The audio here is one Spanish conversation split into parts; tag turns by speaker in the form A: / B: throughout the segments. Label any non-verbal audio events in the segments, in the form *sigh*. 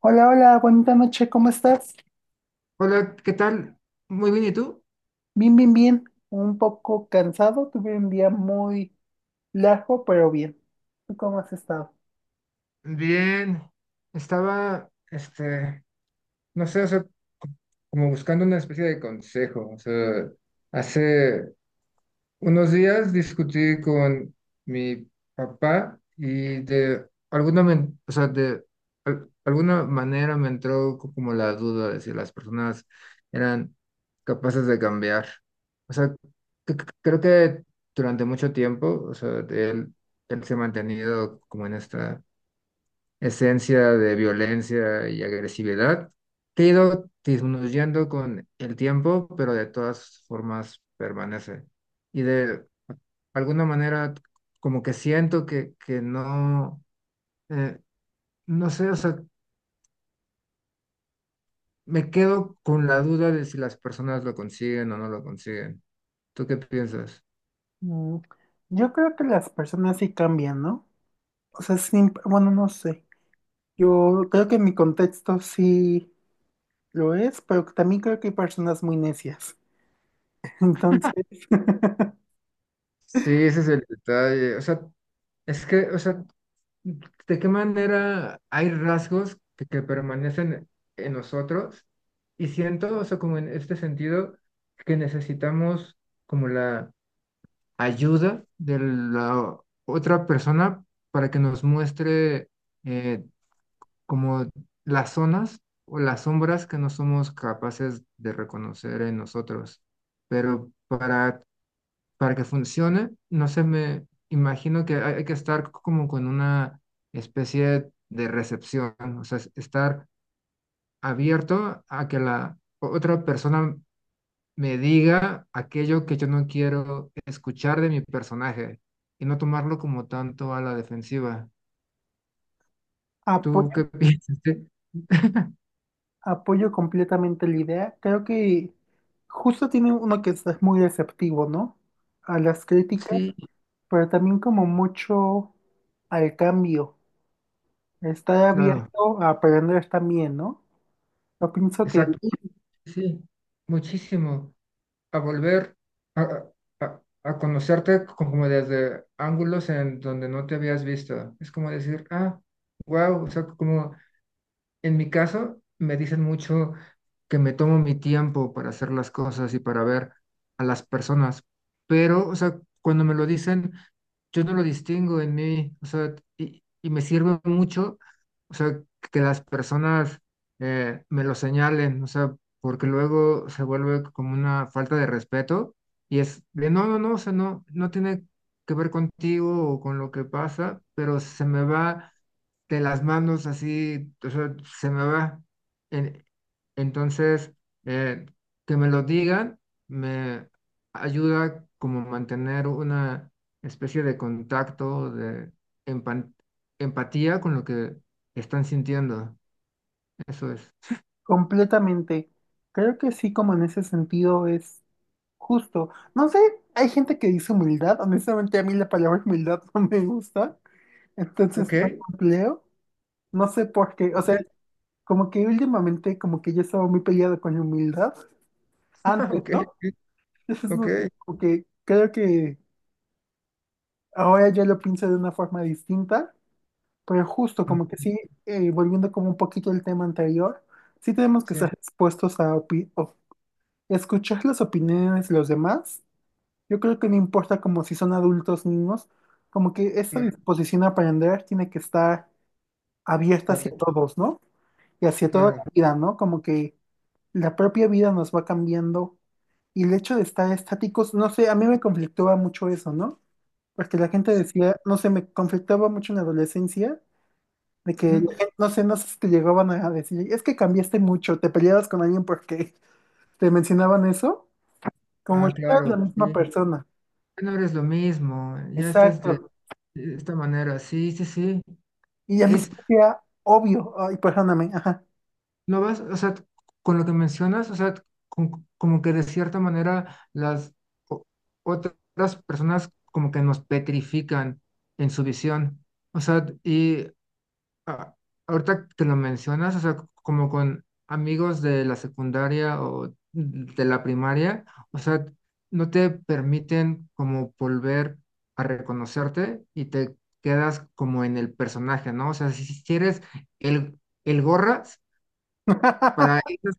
A: Hola, hola, bonita noche, ¿cómo estás?
B: Hola, ¿qué tal? Muy bien, ¿y tú?
A: Bien, bien. Un poco cansado, tuve un día muy largo, pero bien. ¿Tú cómo has estado?
B: Bien, estaba, no sé, o sea, co- como buscando una especie de consejo, o sea, hace, unos días discutí con mi papá y de alguna, o sea, de alguna manera me entró como la duda de si las personas eran capaces de cambiar. O sea, c- c- creo que durante mucho tiempo, o sea, de él, él se ha mantenido como en esta esencia de violencia y agresividad que ha ido disminuyendo con el tiempo, pero de todas formas permanece. Y de alguna manera como que siento que no, eh, no sé, o sea, me quedo con la duda de si las personas lo consiguen o no lo consiguen. ¿Tú qué piensas?
A: Mm. Yo creo que las personas sí cambian, ¿no? O sea, siempre, bueno, no sé. Yo creo que en mi contexto sí lo es, pero también creo que hay personas muy necias. *laughs* Entonces, *laughs*
B: Sí, ese es el detalle. O sea, es que, o sea, ¿de qué manera hay rasgos que permanecen en nosotros? Y siento, o sea, como en este sentido, que necesitamos como la ayuda de la otra persona para que nos muestre eh, como las zonas o las sombras que no somos capaces de reconocer en nosotros. Pero para que funcione, no sé, me imagino que hay que estar como con una especie de recepción, o sea, estar abierto a que la otra persona me diga aquello que yo no quiero escuchar de mi personaje y no tomarlo como tanto a la defensiva. ¿Tú qué
A: apoyo,
B: piensas? Sí,
A: apoyo completamente la idea. Creo que justo tiene uno que es muy receptivo, ¿no? A las
B: *laughs*
A: críticas,
B: sí,
A: pero también como mucho al cambio, estar
B: claro,
A: abierto a aprender también, ¿no? Yo pienso que
B: exacto. Sí, muchísimo. A volver a, a conocerte como desde ángulos en donde no te habías visto. Es como decir, ah, wow, o sea, como en mi caso, me dicen mucho que me tomo mi tiempo para hacer las cosas y para ver a las personas, pero, o sea, cuando me lo dicen, yo no lo distingo en mí, o sea, y me sirve mucho, o sea, que las personas me lo señalen, o sea, porque luego se vuelve como una falta de respeto y es de, no, no, no, o sea, no, no tiene que ver contigo o con lo que pasa, pero se me va de las manos así, o sea, se me va. En- entonces, eh, que me lo digan me ayuda como mantener una especie de contacto, de empan- empatía con lo que están sintiendo. Eso es.
A: completamente, creo que sí, como en ese sentido es justo. No sé, hay gente que dice humildad, honestamente a mí la palabra humildad *laughs* no me gusta, entonces
B: Ok,
A: no la empleo, no sé por qué, o
B: ok,
A: sea, como que últimamente como que yo estaba muy peleado con la humildad
B: *laughs*
A: antes,
B: ok,
A: ¿no? Entonces, no sé,
B: ok.
A: como que creo que ahora yo lo pienso de una forma distinta. Pero justo
B: Ah,
A: como que sí, volviendo como un poquito al tema anterior, sí tenemos que
B: sí,
A: estar expuestos a escuchar las opiniones de los demás. Yo creo que no importa como si son adultos, niños, como que esta
B: claro,
A: disposición a aprender tiene que estar abierta hacia
B: pate-
A: todos, ¿no? Y hacia toda
B: claro.
A: la vida, ¿no? Como que la propia vida nos va cambiando y el hecho de estar estáticos, no sé, a mí me conflictaba mucho eso, ¿no? Porque la gente
B: Sí.
A: decía, no sé, me conflictaba mucho en la adolescencia de que,
B: Ujú.
A: no sé, no sé si te llegaban a decir, es que cambiaste mucho, te peleabas con alguien porque *laughs* te mencionaban eso, como
B: Ah,
A: ya no eres
B: claro,
A: la misma
B: sí.
A: persona.
B: Ya no eres lo mismo, ya estás de
A: Exacto.
B: de esta manera. Sí, sí, sí.
A: Y a mí se
B: Es,
A: me hacía obvio, ay, perdóname, ajá.
B: lo vas o sea, con lo que mencionas, o sea, como que de cierta manera las o- otras personas como que nos petrifican en su visión. O sea, y a- ahorita que lo mencionas, o sea, como con amigos de la secundaria o de la primaria, o sea, no te permiten como volver a reconocerte y te quedas como en el personaje, ¿no? O sea, si eres el el gorra. Para
A: *laughs*
B: esas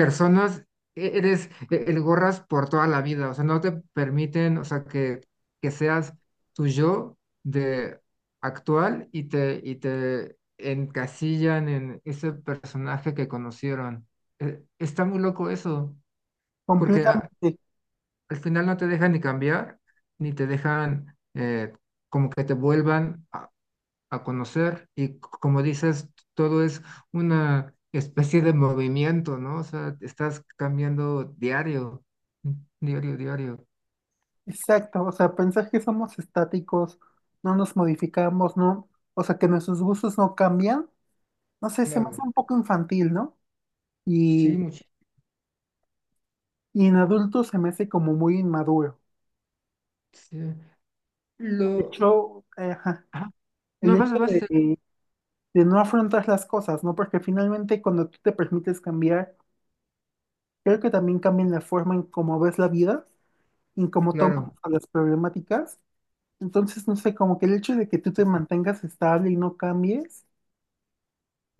B: personas eres el gorras por toda la vida, o sea, no te permiten, o sea, que seas tu yo de actual y te encasillan en ese personaje que conocieron. Está muy loco eso, porque
A: Completamente.
B: al final no te dejan ni cambiar, ni te dejan como que te vuelvan a conocer y como dices, todo es una especie de movimiento, ¿no? O sea, estás cambiando diario, mm, diario, diario.
A: Exacto. O sea, pensar que somos estáticos, no nos modificamos, no, o sea, que nuestros gustos no cambian, no sé, se me hace
B: Claro,
A: un poco infantil, ¿no? Y,
B: sí, muchísimo.
A: y en adultos se me hace como muy inmaduro. De
B: Lo...
A: hecho, ajá,
B: Ah,
A: el
B: no,
A: hecho
B: vas, vas, sí,
A: de no afrontar las cosas, ¿no? Porque finalmente cuando tú te permites cambiar, creo que también cambia la forma en cómo ves la vida, en cómo tomas
B: claro.
A: a las problemáticas. Entonces, no sé, como que el hecho de que tú te mantengas estable y no cambies,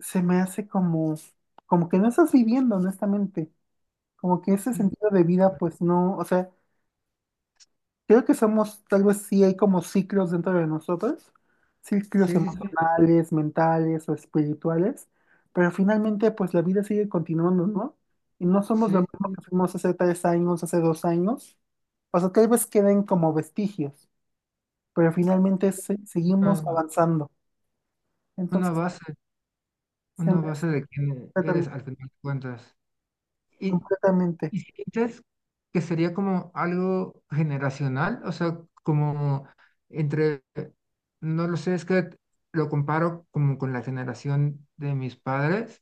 A: se me hace como, como que no estás viviendo, honestamente. Como que ese
B: Sí,
A: sentido de vida, pues no, o sea, creo que somos, tal vez sí hay como ciclos dentro de nosotros, ciclos
B: sí, sí, sí.
A: emocionales, mentales o espirituales, pero finalmente pues la vida sigue continuando, ¿no? Y no somos lo
B: Sí,
A: mismo que fuimos hace tres años, hace dos años, o sea, tal vez queden como vestigios, pero finalmente seguimos
B: Una,
A: avanzando.
B: una
A: Entonces,
B: base,
A: se me
B: una
A: hace
B: base de quién
A: completam-
B: eres al final de cuentas. Y,
A: completamente.
B: ¿y si sientes que sería como algo generacional? O sea, como entre, no lo sé, es que lo comparo como con la generación de mis padres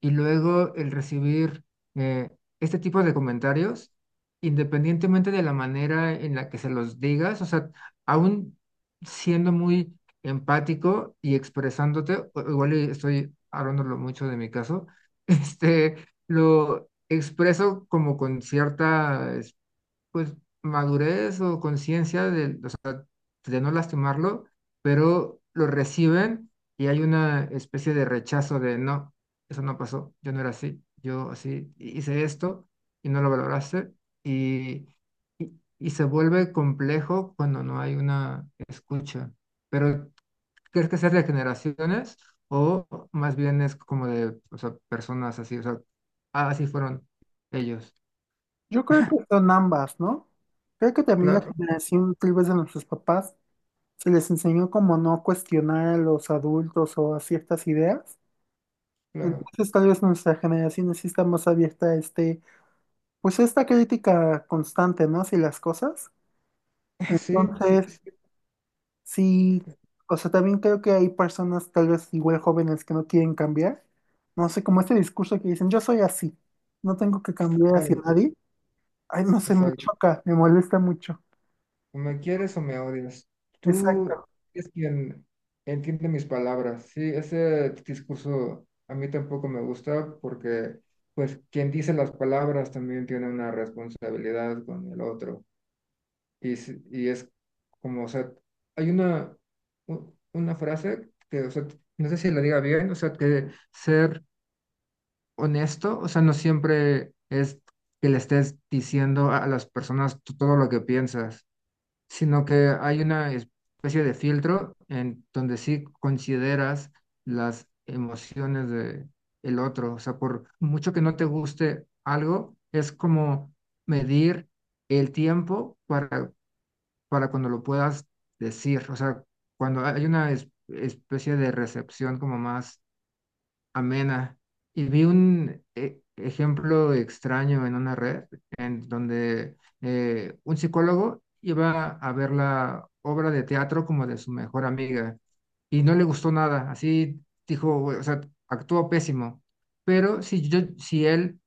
B: y luego el recibir eh, este tipo de comentarios, independientemente de la manera en la que se los digas, o sea, aún siendo muy empático y expresándote, igual y estoy hablándolo mucho de mi caso, *laughs* este... Lo, expreso como con cierta, pues, madurez o conciencia de, o sea, de no lastimarlo, pero lo reciben y hay una especie de rechazo de no, eso no pasó, yo no era así, yo así hice esto y no lo valoraste y, y, y, se vuelve complejo cuando no hay una escucha. Pero ¿crees que sea de generaciones o más bien es como de, o sea, personas así, o sea, ah, así fueron ellos?
A: Yo creo que son ambas, ¿no? Creo que también la
B: Claro,
A: generación tal vez de nuestros papás se les enseñó como no cuestionar a los adultos o a ciertas ideas.
B: claro.
A: Entonces tal vez nuestra generación sí está más abierta a este, pues a esta crítica constante, ¿no? Si las cosas.
B: *laughs* Sí, sí,
A: Entonces,
B: sí,
A: sí, o sea, también creo que hay personas tal vez igual jóvenes que no quieren cambiar. No sé, como este discurso que dicen, yo soy así, no tengo que cambiar hacia
B: claro,
A: nadie. Ay, no sé, me
B: exacto.
A: choca, me molesta mucho.
B: O me quieres o me odias. Tú
A: Exacto.
B: es quien entiende mis palabras. Sí, ese discurso a mí tampoco me gusta porque, pues, quien dice las palabras también tiene una responsabilidad con el otro. Y, y es como, o sea, hay una, una frase que, o sea, no sé si la diga bien, o sea, que ser honesto, o sea, no siempre es que le estés diciendo a las personas todo lo que piensas, sino que hay una especie de filtro en donde sí consideras las emociones de el otro, o sea, por mucho que no te guste algo, es como medir el tiempo para cuando lo puedas decir. O sea, cuando hay una especie de recepción como más amena. Y vi un ejemplo extraño en una red en donde un psicólogo iba a ver la obra de teatro como de su mejor amiga y no le gustó nada. Así dijo, o sea, actuó pésimo. Pero si yo, si él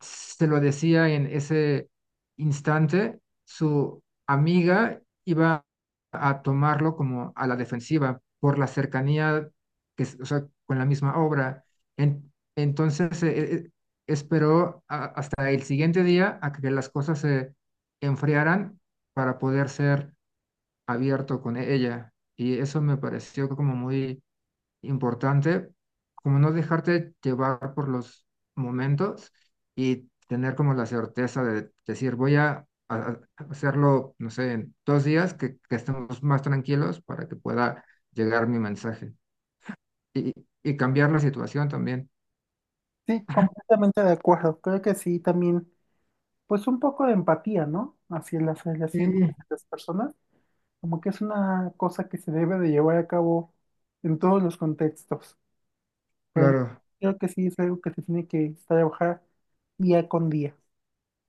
B: se lo decía en ese instante, su amiga iba a tomarlo como a la defensiva por la cercanía que, o sea, con la misma obra. Entonces esperó hasta el siguiente día a que las cosas se enfriaran para poder ser abierto con ella. Y eso me pareció como muy importante, como no dejarte llevar por los momentos y tener como la certeza de decir, voy a hacerlo, no sé, en 2 días, que estemos más tranquilos para que pueda llegar mi mensaje y, y cambiar la situación también.
A: Sí, completamente de acuerdo. Creo que sí, también pues un poco de empatía, ¿no? Hacia las relaciones de
B: Sí,
A: las personas, como que es una cosa que se debe de llevar a cabo en todos los contextos. Pues
B: claro.
A: creo que sí es algo que se tiene que trabajar día con día.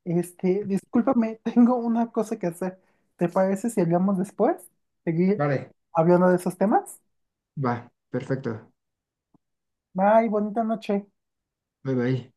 A: Este, discúlpame, *laughs* tengo una cosa que hacer. ¿Te parece si hablamos después? Seguir
B: Vale.
A: hablando de esos temas.
B: Va, perfecto.
A: Bye, bonita noche.
B: Bye bye.